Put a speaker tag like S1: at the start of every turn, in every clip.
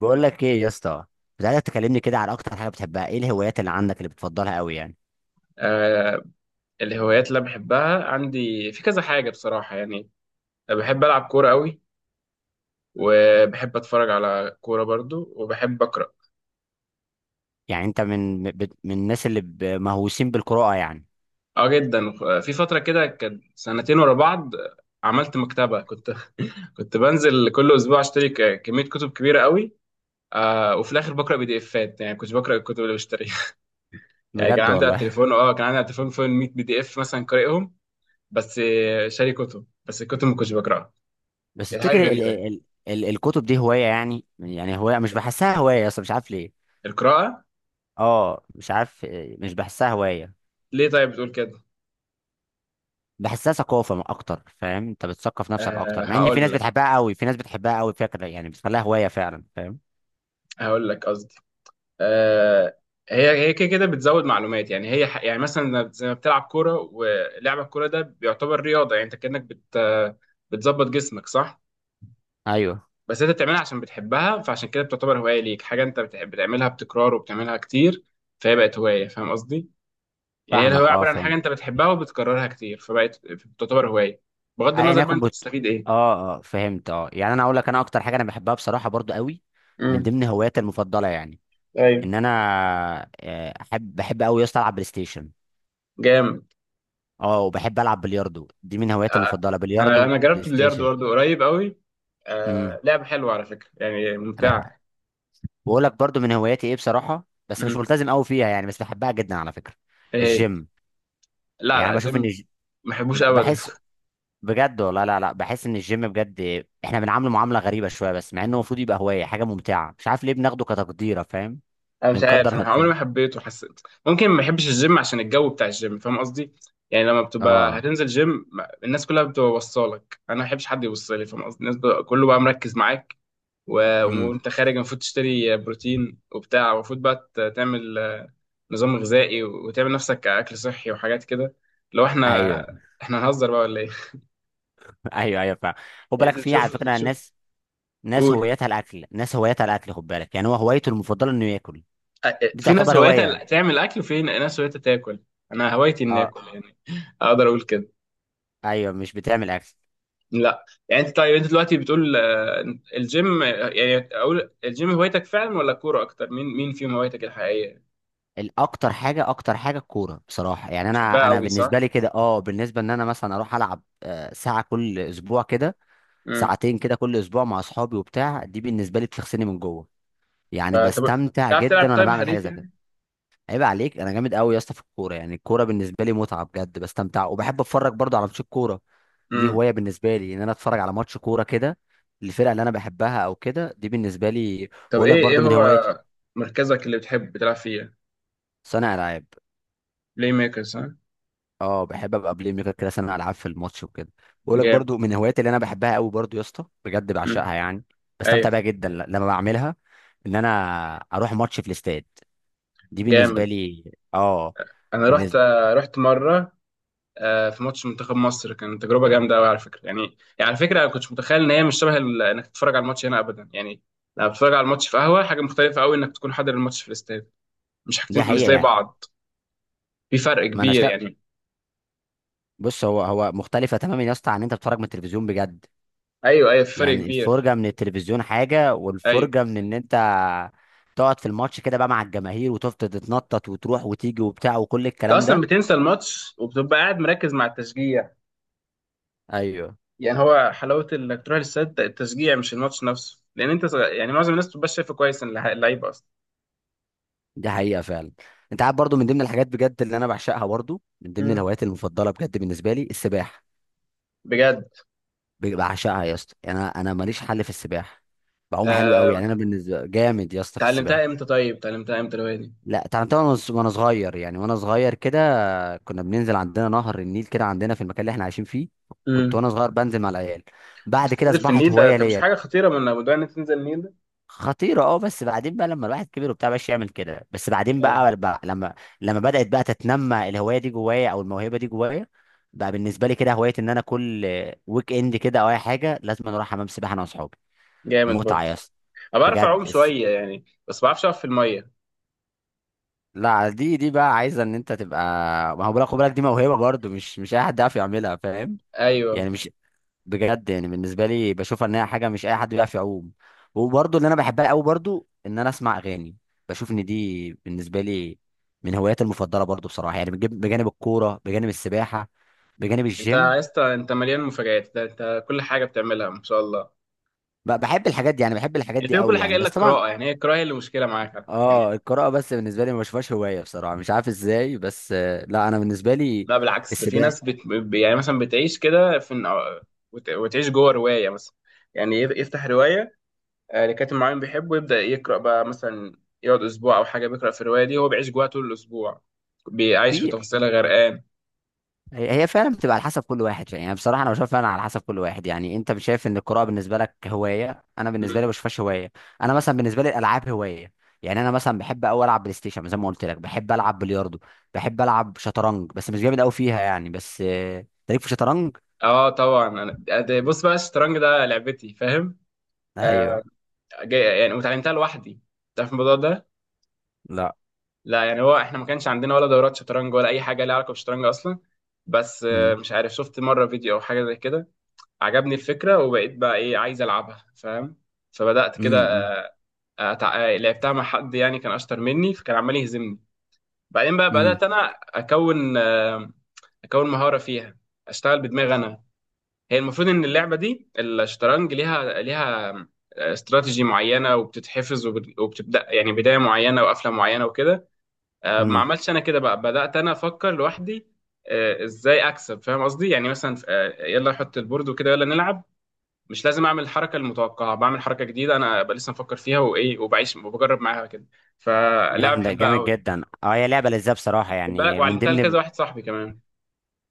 S1: بقول لك ايه يا اسطى. كنت عايزك تكلمني كده على اكتر حاجه بتحبها، ايه الهوايات اللي عندك اللي بتفضلها قوي يعني؟
S2: آه، الهوايات اللي أنا بحبها عندي في كذا حاجة بصراحة يعني. بحب ألعب كورة قوي، وبحب أتفرج على كورة برضو، وبحب أقرأ.
S1: يعني انت من من الناس اللي مهووسين بالقراءه يعني؟
S2: اه، جدا. في فترة كده كان سنتين ورا بعض عملت مكتبة. كنت بنزل كل أسبوع أشتري كمية كتب كبيرة قوي. آه، وفي الآخر بقرأ بي دي إفات، يعني كنت بقرأ الكتب اللي بشتريها. يعني كان
S1: بجد
S2: عندي على
S1: والله.
S2: التليفون، فوق 100 بي دي إف مثلا قارئهم. بس شاري كتب بس، الكتب ما كنتش بقرأها.
S1: بس
S2: يعني حاجة
S1: تفتكر ال
S2: غريبة.
S1: ال ال ال الكتب دي هوايه؟ يعني هوايه مش بحسها هوايه اصلا، مش عارف ليه.
S2: القراءة،
S1: اه مش عارف إيه، مش بحسها هوايه.
S2: ليه طيب بتقول كده؟
S1: بحسها ثقافه اكتر، فاهم، انت بتثقف نفسك
S2: أه،
S1: اكتر، مع ان في
S2: هقول
S1: ناس
S2: لك.
S1: بتحبها قوي، في ناس بتحبها قوي فكره، يعني بتخليها هوايه فعلا، فاهم.
S2: قصدي. أه. هي كده كده بتزود معلومات. يعني يعني مثلا زي ما بتلعب كوره، ولعب الكوره ده بيعتبر رياضه، يعني انت كانك بتظبط جسمك، صح؟
S1: ايوه
S2: بس انت بتعملها عشان بتحبها، فعشان كده بتعتبر هوايه ليك. حاجه انت بتعملها بتكرار وبتعملها كتير، فهي بقت هوايه. فاهم قصدي؟ يعني هي الهوايه
S1: فاهمك، اه
S2: عباره عن حاجه
S1: فهمت.
S2: انت بتحبها وبتكررها كتير، فبقت بتعتبر هوايه. بغض النظر
S1: ايا
S2: بقى
S1: يكن
S2: انت بتستفيد ايه.
S1: اه اه فهمت. اه يعني انا اقول لك، انا اكتر حاجه انا بحبها بصراحه برضو قوي، من
S2: امم.
S1: ضمن هواياتي المفضله، يعني
S2: ايوه.
S1: ان انا بحب قوي يا اسطى العب بلاي ستيشن.
S2: جامد.
S1: اه وبحب العب بلياردو، دي من هواياتي
S2: آه،
S1: المفضله،
S2: انا
S1: بلياردو،
S2: انا
S1: بلاي
S2: جربت البلياردو
S1: ستيشن.
S2: برضه قريب قوي.
S1: امم
S2: لعبة حلوة على فكرة، يعني ممتعة.
S1: بقول لك برضو من هواياتي، ايه بصراحه بس مش
S2: مم.
S1: ملتزم قوي فيها، يعني بس بحبها جدا على فكره.
S2: ايه هي؟
S1: الجيم.
S2: لا
S1: يعني أنا
S2: لا، جيم،
S1: بشوف ان
S2: ما بحبوش ابدا.
S1: بحس. بجد والله، لا لا بحس ان الجيم، بجد احنا بنعامله معامله غريبه شويه، بس مع انه المفروض يبقى هوايه، حاجه ممتعه مش عارف ليه بناخده كتقديره، فاهم،
S2: انا مش عارف،
S1: بنقدر
S2: انا عمري
S1: نفسنا.
S2: ما حبيته. حسيت ممكن ما بحبش الجيم عشان الجو بتاع الجيم. فاهم قصدي؟ يعني لما بتبقى
S1: اه
S2: هتنزل جيم، الناس كلها بتبقى وصالك. انا ما بحبش حد يوصلي. فاهم قصدي؟ كله بقى مركز معاك.
S1: امم
S2: وانت خارج المفروض تشتري بروتين وبتاع. المفروض بقى تعمل نظام غذائي، وتعمل نفسك اكل صحي وحاجات كده. لو احنا
S1: ايوه.
S2: احنا هنهزر بقى ولا ايه؟
S1: ايوه ايوه فعلا. خد
S2: يعني انت
S1: بالك، في على
S2: تشوف
S1: فكره
S2: تشوف
S1: ناس، ناس هوايتها الاكل، ناس هوايتها الاكل، خد بالك، يعني هو هوايته المفضله انه ياكل، دي
S2: في ناس
S1: تعتبر هوايه.
S2: هوايتها تعمل اكل، وفي ناس هوايتها تاكل. انا هوايتي اني
S1: اه
S2: اكل يعني، اقدر اقول كده.
S1: ايوه، مش بتعمل اكل.
S2: لا يعني، انت طيب، انت دلوقتي بتقول الجيم يعني، اقول الجيم هوايتك فعلا ولا كوره اكتر؟ مين فيهم هوايتك الحقيقيه؟
S1: الاكتر حاجه، اكتر حاجه الكوره بصراحه، يعني انا
S2: بتحبها
S1: انا
S2: قوي
S1: بالنسبه
S2: صح؟
S1: لي كده، اه بالنسبه ان انا مثلا اروح العب ساعه كل اسبوع كده،
S2: امم.
S1: ساعتين كده كل اسبوع مع اصحابي وبتاع، دي بالنسبه لي بتغسلني من جوه، يعني
S2: طب،
S1: بستمتع
S2: تعرف تلعب
S1: جدا وانا
S2: طيب
S1: بعمل حاجه
S2: حريف
S1: زي كده.
S2: يعني؟
S1: عيب عليك، انا جامد قوي يا اسطى في الكوره، يعني الكوره بالنسبه لي متعه بجد، بستمتع وبحب اتفرج برضه على ماتشات كوره. دي
S2: امم.
S1: هوايه بالنسبه لي، ان انا اتفرج على ماتش كوره كده، الفرقه اللي انا بحبها او كده، دي بالنسبه لي.
S2: طب
S1: بقول لك
S2: ايه
S1: برضه من هواياتي،
S2: هو مركزك اللي بتحب تلعب فيه؟
S1: صانع العاب.
S2: بلاي ميكر صح؟
S1: اه بحب ابقى بلاي ميكر كده، صانع العاب في الماتش وكده. بقول لك
S2: جامد.
S1: برضه من هواياتي اللي انا بحبها قوي برضه يا اسطى، بجد
S2: امم.
S1: بعشقها، يعني
S2: ايوه.
S1: بستمتع بيها جدا لما بعملها، ان انا اروح ماتش في الاستاد، دي بالنسبه
S2: جامد.
S1: لي، اه
S2: انا رحت
S1: بالنسبه.
S2: آه، رحت مره، في ماتش منتخب مصر. كان تجربه جامده قوي على فكره يعني. يعني على فكره، انا كنتش متخيل ان هي مش شبه انك تتفرج على الماتش هنا ابدا يعني. لما بتتفرج على الماتش في قهوه، حاجه مختلفه قوي انك تكون حاضر الماتش في الاستاد. مش
S1: دي
S2: حاجتين مش
S1: حقيقه
S2: زي
S1: يعني،
S2: بعض. في فرق
S1: ما انا،
S2: كبير يعني.
S1: بص هو هو مختلفة تماما يا اسطى عن ان انت بتتفرج من التلفزيون بجد.
S2: ايوه، ايوه، في فرق
S1: يعني
S2: كبير.
S1: الفرجة من التلفزيون حاجة،
S2: ايوه،
S1: والفرجة من ان انت تقعد في الماتش كده بقى مع الجماهير وتفضل تتنطط وتروح وتيجي وبتاع وكل
S2: انت
S1: الكلام
S2: اصلا
S1: ده.
S2: بتنسى الماتش وبتبقى قاعد مركز مع التشجيع.
S1: ايوه،
S2: يعني هو حلاوه انك تروح الاستاد التشجيع، مش الماتش نفسه، لان انت يعني معظم الناس بتبقى شايفه كويس إن اللعيب اصلا.
S1: دي حقيقة فعلا. انت عارف، برضو من ضمن الحاجات بجد اللي انا بعشقها، برضو من ضمن
S2: مم.
S1: الهوايات المفضلة بجد بالنسبة لي، السباحة.
S2: بجد.
S1: بعشقها يا اسطى، يعني انا ماليش حل في السباحة، بعوم حلو قوي،
S2: آه،
S1: يعني انا بالنسبة جامد يا اسطى في
S2: اتعلمتها
S1: السباحة.
S2: امتى طيب، اتعلمتها امتى الهوايه
S1: لا تعلمتها وأنا صغير، يعني وانا صغير كده، كنا بننزل عندنا نهر النيل كده عندنا في المكان اللي احنا عايشين فيه، كنت
S2: دي؟
S1: وانا صغير بنزل مع العيال. بعد
S2: كنت
S1: كده
S2: بتنزل في
S1: اصبحت
S2: النيل ده،
S1: هوايه
S2: مش
S1: ليا.
S2: حاجه خطيره، من موضوع انك تنزل النيل ده؟
S1: خطيره اه، بس بعدين بقى لما الواحد كبر وبتاع مبقاش يعمل كده، بس بعدين
S2: جامد.
S1: بقى لما بدات بقى تتنمى الهوايه دي جوايا او الموهبه دي جوايا، بقى بالنسبه لي كده هوايه ان انا كل ويك اند كده او اي حاجه، لازم أنا اروح حمام سباحه انا واصحابي.
S2: جامد
S1: متعه
S2: برضه.
S1: يا اسطى.
S2: انا بعرف
S1: بجد
S2: اعوم شويه يعني، بس ما بعرفش اقف في الميه.
S1: لا دي بقى عايزه ان انت تبقى، ما هو بالك، خد بالك دي موهبه برضه، مش اي حد يعرف يعملها، فاهم،
S2: ايوه.
S1: يعني مش، بجد يعني بالنسبه لي بشوفها ان هي حاجه مش اي حد بيعرف يعوم. وبرضه اللي انا بحبها قوي برضه، ان انا اسمع اغاني، بشوف ان دي بالنسبه لي من هواياتي المفضله برضه بصراحه، يعني بجانب الكوره، بجانب السباحه، بجانب
S2: انت
S1: الجيم.
S2: يا اسطى، انت مليان مفاجآت. ده انت كل حاجه بتعملها ما شاء الله.
S1: بحب الحاجات دي، يعني بحب الحاجات
S2: يعني
S1: دي
S2: بتعمل كل
S1: قوي
S2: حاجه
S1: يعني،
S2: الا
S1: بس طبعا
S2: القراءه. يعني هي القراءه هي اللي مشكله معاك على فكرة
S1: اه
S2: يعني.
S1: القراءه، بس بالنسبه لي ما بشوفهاش هوايه بصراحه، مش عارف ازاي بس لا انا بالنسبه لي
S2: لا بالعكس، ده في ناس
S1: السباحه.
S2: يعني مثلا بتعيش كده في، وتعيش جوه روايه مثلا. يعني يفتح روايه لكاتب معين بيحبه، يبدا يقرا بقى مثلا. يقعد اسبوع او حاجه بيقرا في الروايه دي، هو بيعيش جواها طول الاسبوع. بيعيش في
S1: في
S2: تفاصيلها غرقان.
S1: هي هي فعلا بتبقى على حسب كل واحد، يعني بصراحه انا بشوف فعلا على حسب كل واحد، يعني انت مش شايف ان القراءه بالنسبه لك هوايه، انا بالنسبه لي
S2: مم.
S1: بشوفهاش هوايه. انا مثلا بالنسبه لي الالعاب هوايه، يعني انا مثلا بحب قوي العب بلاي ستيشن زي ما قلت لك، بحب العب بلياردو، بحب العب شطرنج بس مش جامد قوي فيها يعني، بس تاريخ في شطرنج.
S2: اه طبعا. انا بص بقى، الشطرنج ده لعبتي فاهم. آه
S1: ايوه
S2: جاي يعني، وتعلمتها لوحدي. تعرف الموضوع ده؟
S1: لا.
S2: لا يعني، هو احنا ما كانش عندنا ولا دورات شطرنج ولا اي حاجه لها علاقه بالشطرنج اصلا. بس
S1: امم
S2: مش عارف، شفت مره فيديو او حاجه زي كده. عجبني الفكره وبقيت بقى ايه، عايز العبها فاهم. فبدات كده.
S1: امم
S2: أتع... آه، لعبتها مع حد يعني، كان اشطر مني فكان عمال يهزمني. بعدين بقى
S1: امم
S2: بدات انا اكون، مهاره فيها. اشتغل بدماغي انا. هي المفروض ان اللعبه دي، الشطرنج، ليها استراتيجي معينه وبتتحفظ، وبت- وبتبدا يعني بدايه معينه وقفله معينه وكده. ما
S1: امم
S2: عملتش انا كده، بقى بدات انا افكر لوحدي ازاي اكسب. فاهم قصدي؟ يعني مثلا يلا احط البورد وكده، يلا نلعب. مش لازم اعمل الحركه المتوقعه، بعمل حركه جديده انا بقى، لسه مفكر فيها وايه، وبعيش وبجرب معاها كده. فلعبه
S1: جامده
S2: بحبها
S1: جامد
S2: قوي.
S1: جدا، اه هي لعبه لذيذه بصراحه
S2: خد بالك،
S1: يعني، من
S2: وعلمتها
S1: ضمن،
S2: لكذا واحد صاحبي كمان.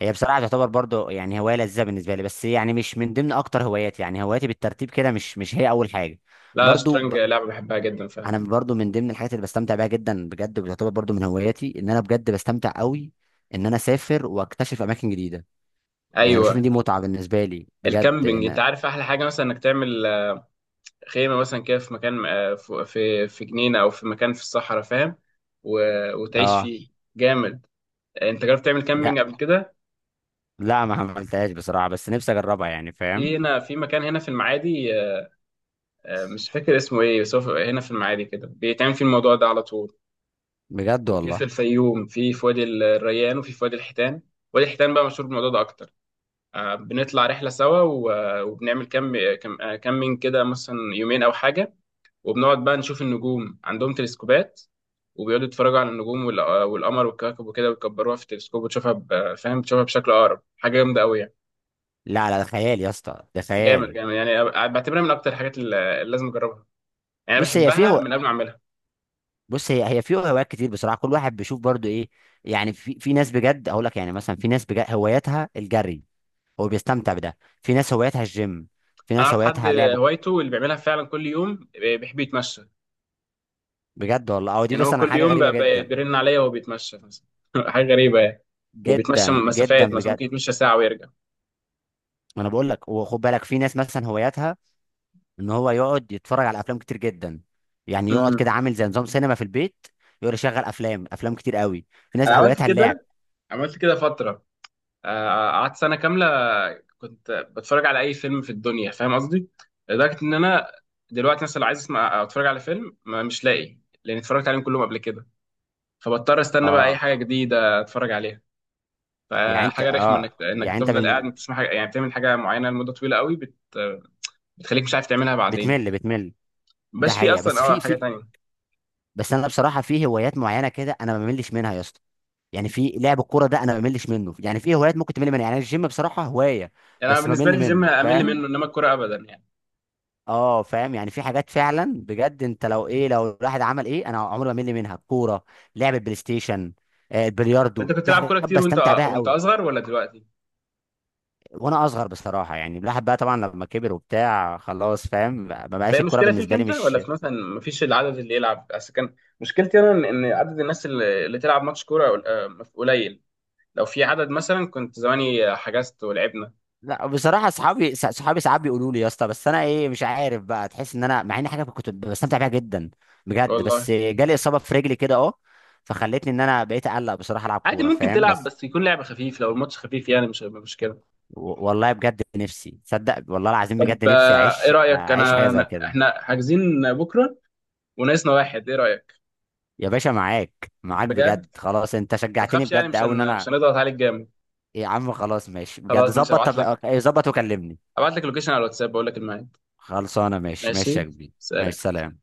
S1: هي بصراحة تعتبر برضو يعني هواية لذيذة بالنسبة لي، بس يعني مش من ضمن أكتر هواياتي، يعني هواياتي بالترتيب كده مش هي أول حاجة.
S2: لا لا،
S1: برضو
S2: شطرنج لعبه بحبها جدا فعلا.
S1: أنا برضو من ضمن الحاجات اللي بستمتع بيها جدا بجد، وبتعتبر برضو من هواياتي، إن أنا بجد بستمتع قوي إن أنا أسافر وأكتشف أماكن جديدة، يعني بشوف
S2: ايوه.
S1: إن دي متعة بالنسبة لي بجد
S2: الكامبينج، انت
S1: إن.
S2: عارف احلى حاجه مثلا، انك تعمل خيمة مثلا كده في مكان في جنينة أو في مكان في الصحراء، فاهم؟ وتعيش
S1: آه
S2: فيه. جامد. أنت جربت تعمل
S1: لا،
S2: كامبينج قبل كده؟
S1: لا ما عملتهاش بصراحة، بس نفسي أجربها يعني،
S2: في
S1: فاهم.
S2: هنا، في مكان هنا في المعادي، مش فاكر اسمه إيه، بس هو هنا في المعادي كده بيتعمل فيه الموضوع ده على طول.
S1: بجد
S2: وفي
S1: والله،
S2: الفيوم، في وادي الريان، وفي وادي الحيتان. وادي الحيتان بقى مشهور بالموضوع ده أكتر. بنطلع رحلة سوا، وبنعمل كامبينج كده مثلا يومين أو حاجة. وبنقعد بقى نشوف النجوم، عندهم تلسكوبات، وبيقعدوا يتفرجوا على النجوم والقمر والكواكب وكده، ويكبروها في التلسكوب وتشوفها فاهم، تشوفها بشكل اقرب. حاجه جامده قوي يعني.
S1: لا لا ده خيال يا اسطى، ده
S2: جامد
S1: خيال.
S2: جامد يعني، بعتبرها من اكتر الحاجات اللي لازم اجربها. يعني أنا
S1: بص هي
S2: بحبها
S1: في،
S2: من قبل ما اعملها.
S1: بص هي هي في هوايات كتير بصراحه كل واحد بيشوف برضو ايه، يعني في ناس بجد اقول لك، يعني مثلا في ناس بجد هواياتها الجري هو بيستمتع بده، في ناس هواياتها الجيم، في
S2: انا
S1: ناس
S2: اعرف حد،
S1: هواياتها لعب.
S2: هوايته اللي بيعملها فعلا كل يوم، بيحب يتمشى.
S1: بجد والله، او دي
S2: يعني هو
S1: مثلا
S2: كل
S1: حاجه
S2: يوم
S1: غريبه جدا،
S2: بيرن عليا وهو بيتمشى مثلا. حاجه غريبه يعني. وبيتمشى
S1: جدا جدا
S2: مسافات مثلا،
S1: بجد.
S2: ممكن يتمشى ساعه ويرجع.
S1: انا بقول لك، وخد بالك في ناس مثلا هواياتها ان هو يقعد يتفرج على افلام كتير جدا، يعني يقعد كده
S2: أمم.
S1: عامل زي نظام سينما في البيت، يقعد يشغل افلام افلام كتير قوي. في ناس
S2: انا عملت
S1: هواياتها اللعب.
S2: كده، فتره. قعدت سنة كاملة كنت بتفرج على أي فيلم في الدنيا، فاهم قصدي؟ لدرجة إن أنا دلوقتي مثلا لو عايز أسمع أو أتفرج على فيلم، ما مش لاقي، لأن اتفرجت عليهم كلهم قبل كده. فبضطر أستنى بقى أي
S1: اه
S2: حاجة جديدة أتفرج عليها.
S1: يعني انت
S2: فحاجة رخمة
S1: اه
S2: إنك
S1: يعني انت
S2: تفضل قاعد بتسمع حاجة يعني، بتعمل حاجة معينة لمدة طويلة قوي، بتخليك مش عارف تعملها بعدين.
S1: بتمل بتمل. ده
S2: مبقاش في
S1: حقيقة،
S2: أصلا
S1: بس في
S2: حاجة
S1: في
S2: تانية.
S1: بس انا بصراحه في هوايات معينه كده انا ما بملش منها يا اسطى، يعني في لعب الكوره ده انا ما بملش منه، يعني في هوايات ممكن تمل منها، يعني الجيم بصراحه هوايه
S2: يعني أنا
S1: بس
S2: بالنسبة
S1: بمل
S2: لي الجيم
S1: منه،
S2: أمل
S1: فاهم.
S2: منه، إنما الكورة أبدا يعني.
S1: اه فاهم، يعني في حاجات فعلا بجد، انت لو ايه، لو الواحد عمل ايه انا عمري ما بمل منها الكوره، لعب البلاي ستيشن، البلياردو،
S2: أنت كنت
S1: دي
S2: تلعب
S1: حاجات
S2: كورة كتير وأنت
S1: بستمتع بيها قوي.
S2: أصغر ولا دلوقتي؟
S1: وانا اصغر بصراحه، يعني الواحد بقى طبعا لما كبر وبتاع خلاص، فاهم ما
S2: بقى
S1: بقاش الكوره
S2: المشكله فيك
S1: بالنسبه لي
S2: انت ولا
S1: مش،
S2: في مثلا مفيش العدد اللي يلعب؟ اصل كان مشكلتي انا إن عدد الناس اللي تلعب ماتش كوره قليل. لو في عدد مثلا كنت زماني حجزت ولعبنا.
S1: لا بصراحه اصحابي صحابي ساعات بيقولوا لي يا اسطى، بس انا ايه مش عارف بقى، تحس ان انا مع ان حاجه كنت بستمتع بيها جدا بجد، بس
S2: والله.
S1: جالي اصابه في رجلي كده اه، فخلتني ان انا بقيت اقلق بصراحه العب
S2: عادي
S1: كوره،
S2: ممكن
S1: فاهم
S2: تلعب،
S1: بس
S2: بس يكون لعب خفيف. لو الماتش خفيف يعني مش هيبقى مشكله.
S1: والله بجد نفسي تصدق والله العظيم، بجد
S2: طب
S1: نفسي
S2: ايه
S1: اعيش
S2: رايك،
S1: اعيش حاجه زي كده.
S2: احنا حاجزين بكره وناقصنا واحد، ايه رايك؟
S1: يا باشا معاك معاك
S2: بجد.
S1: بجد، خلاص انت
S2: ما
S1: شجعتني
S2: تخافش يعني،
S1: بجد قوي، ان
S2: مش
S1: انا
S2: هنضغط عليك جامد.
S1: يا عم خلاص ماشي بجد،
S2: خلاص ماشي،
S1: ظبط،
S2: ابعت
S1: طب
S2: لك،
S1: ظبط وكلمني.
S2: اللوكيشن على الواتساب، بقول لك الميعاد.
S1: خلصانه ماشي ماشي يا
S2: ماشي،
S1: كبير.
S2: سلام.
S1: ماشي سلام.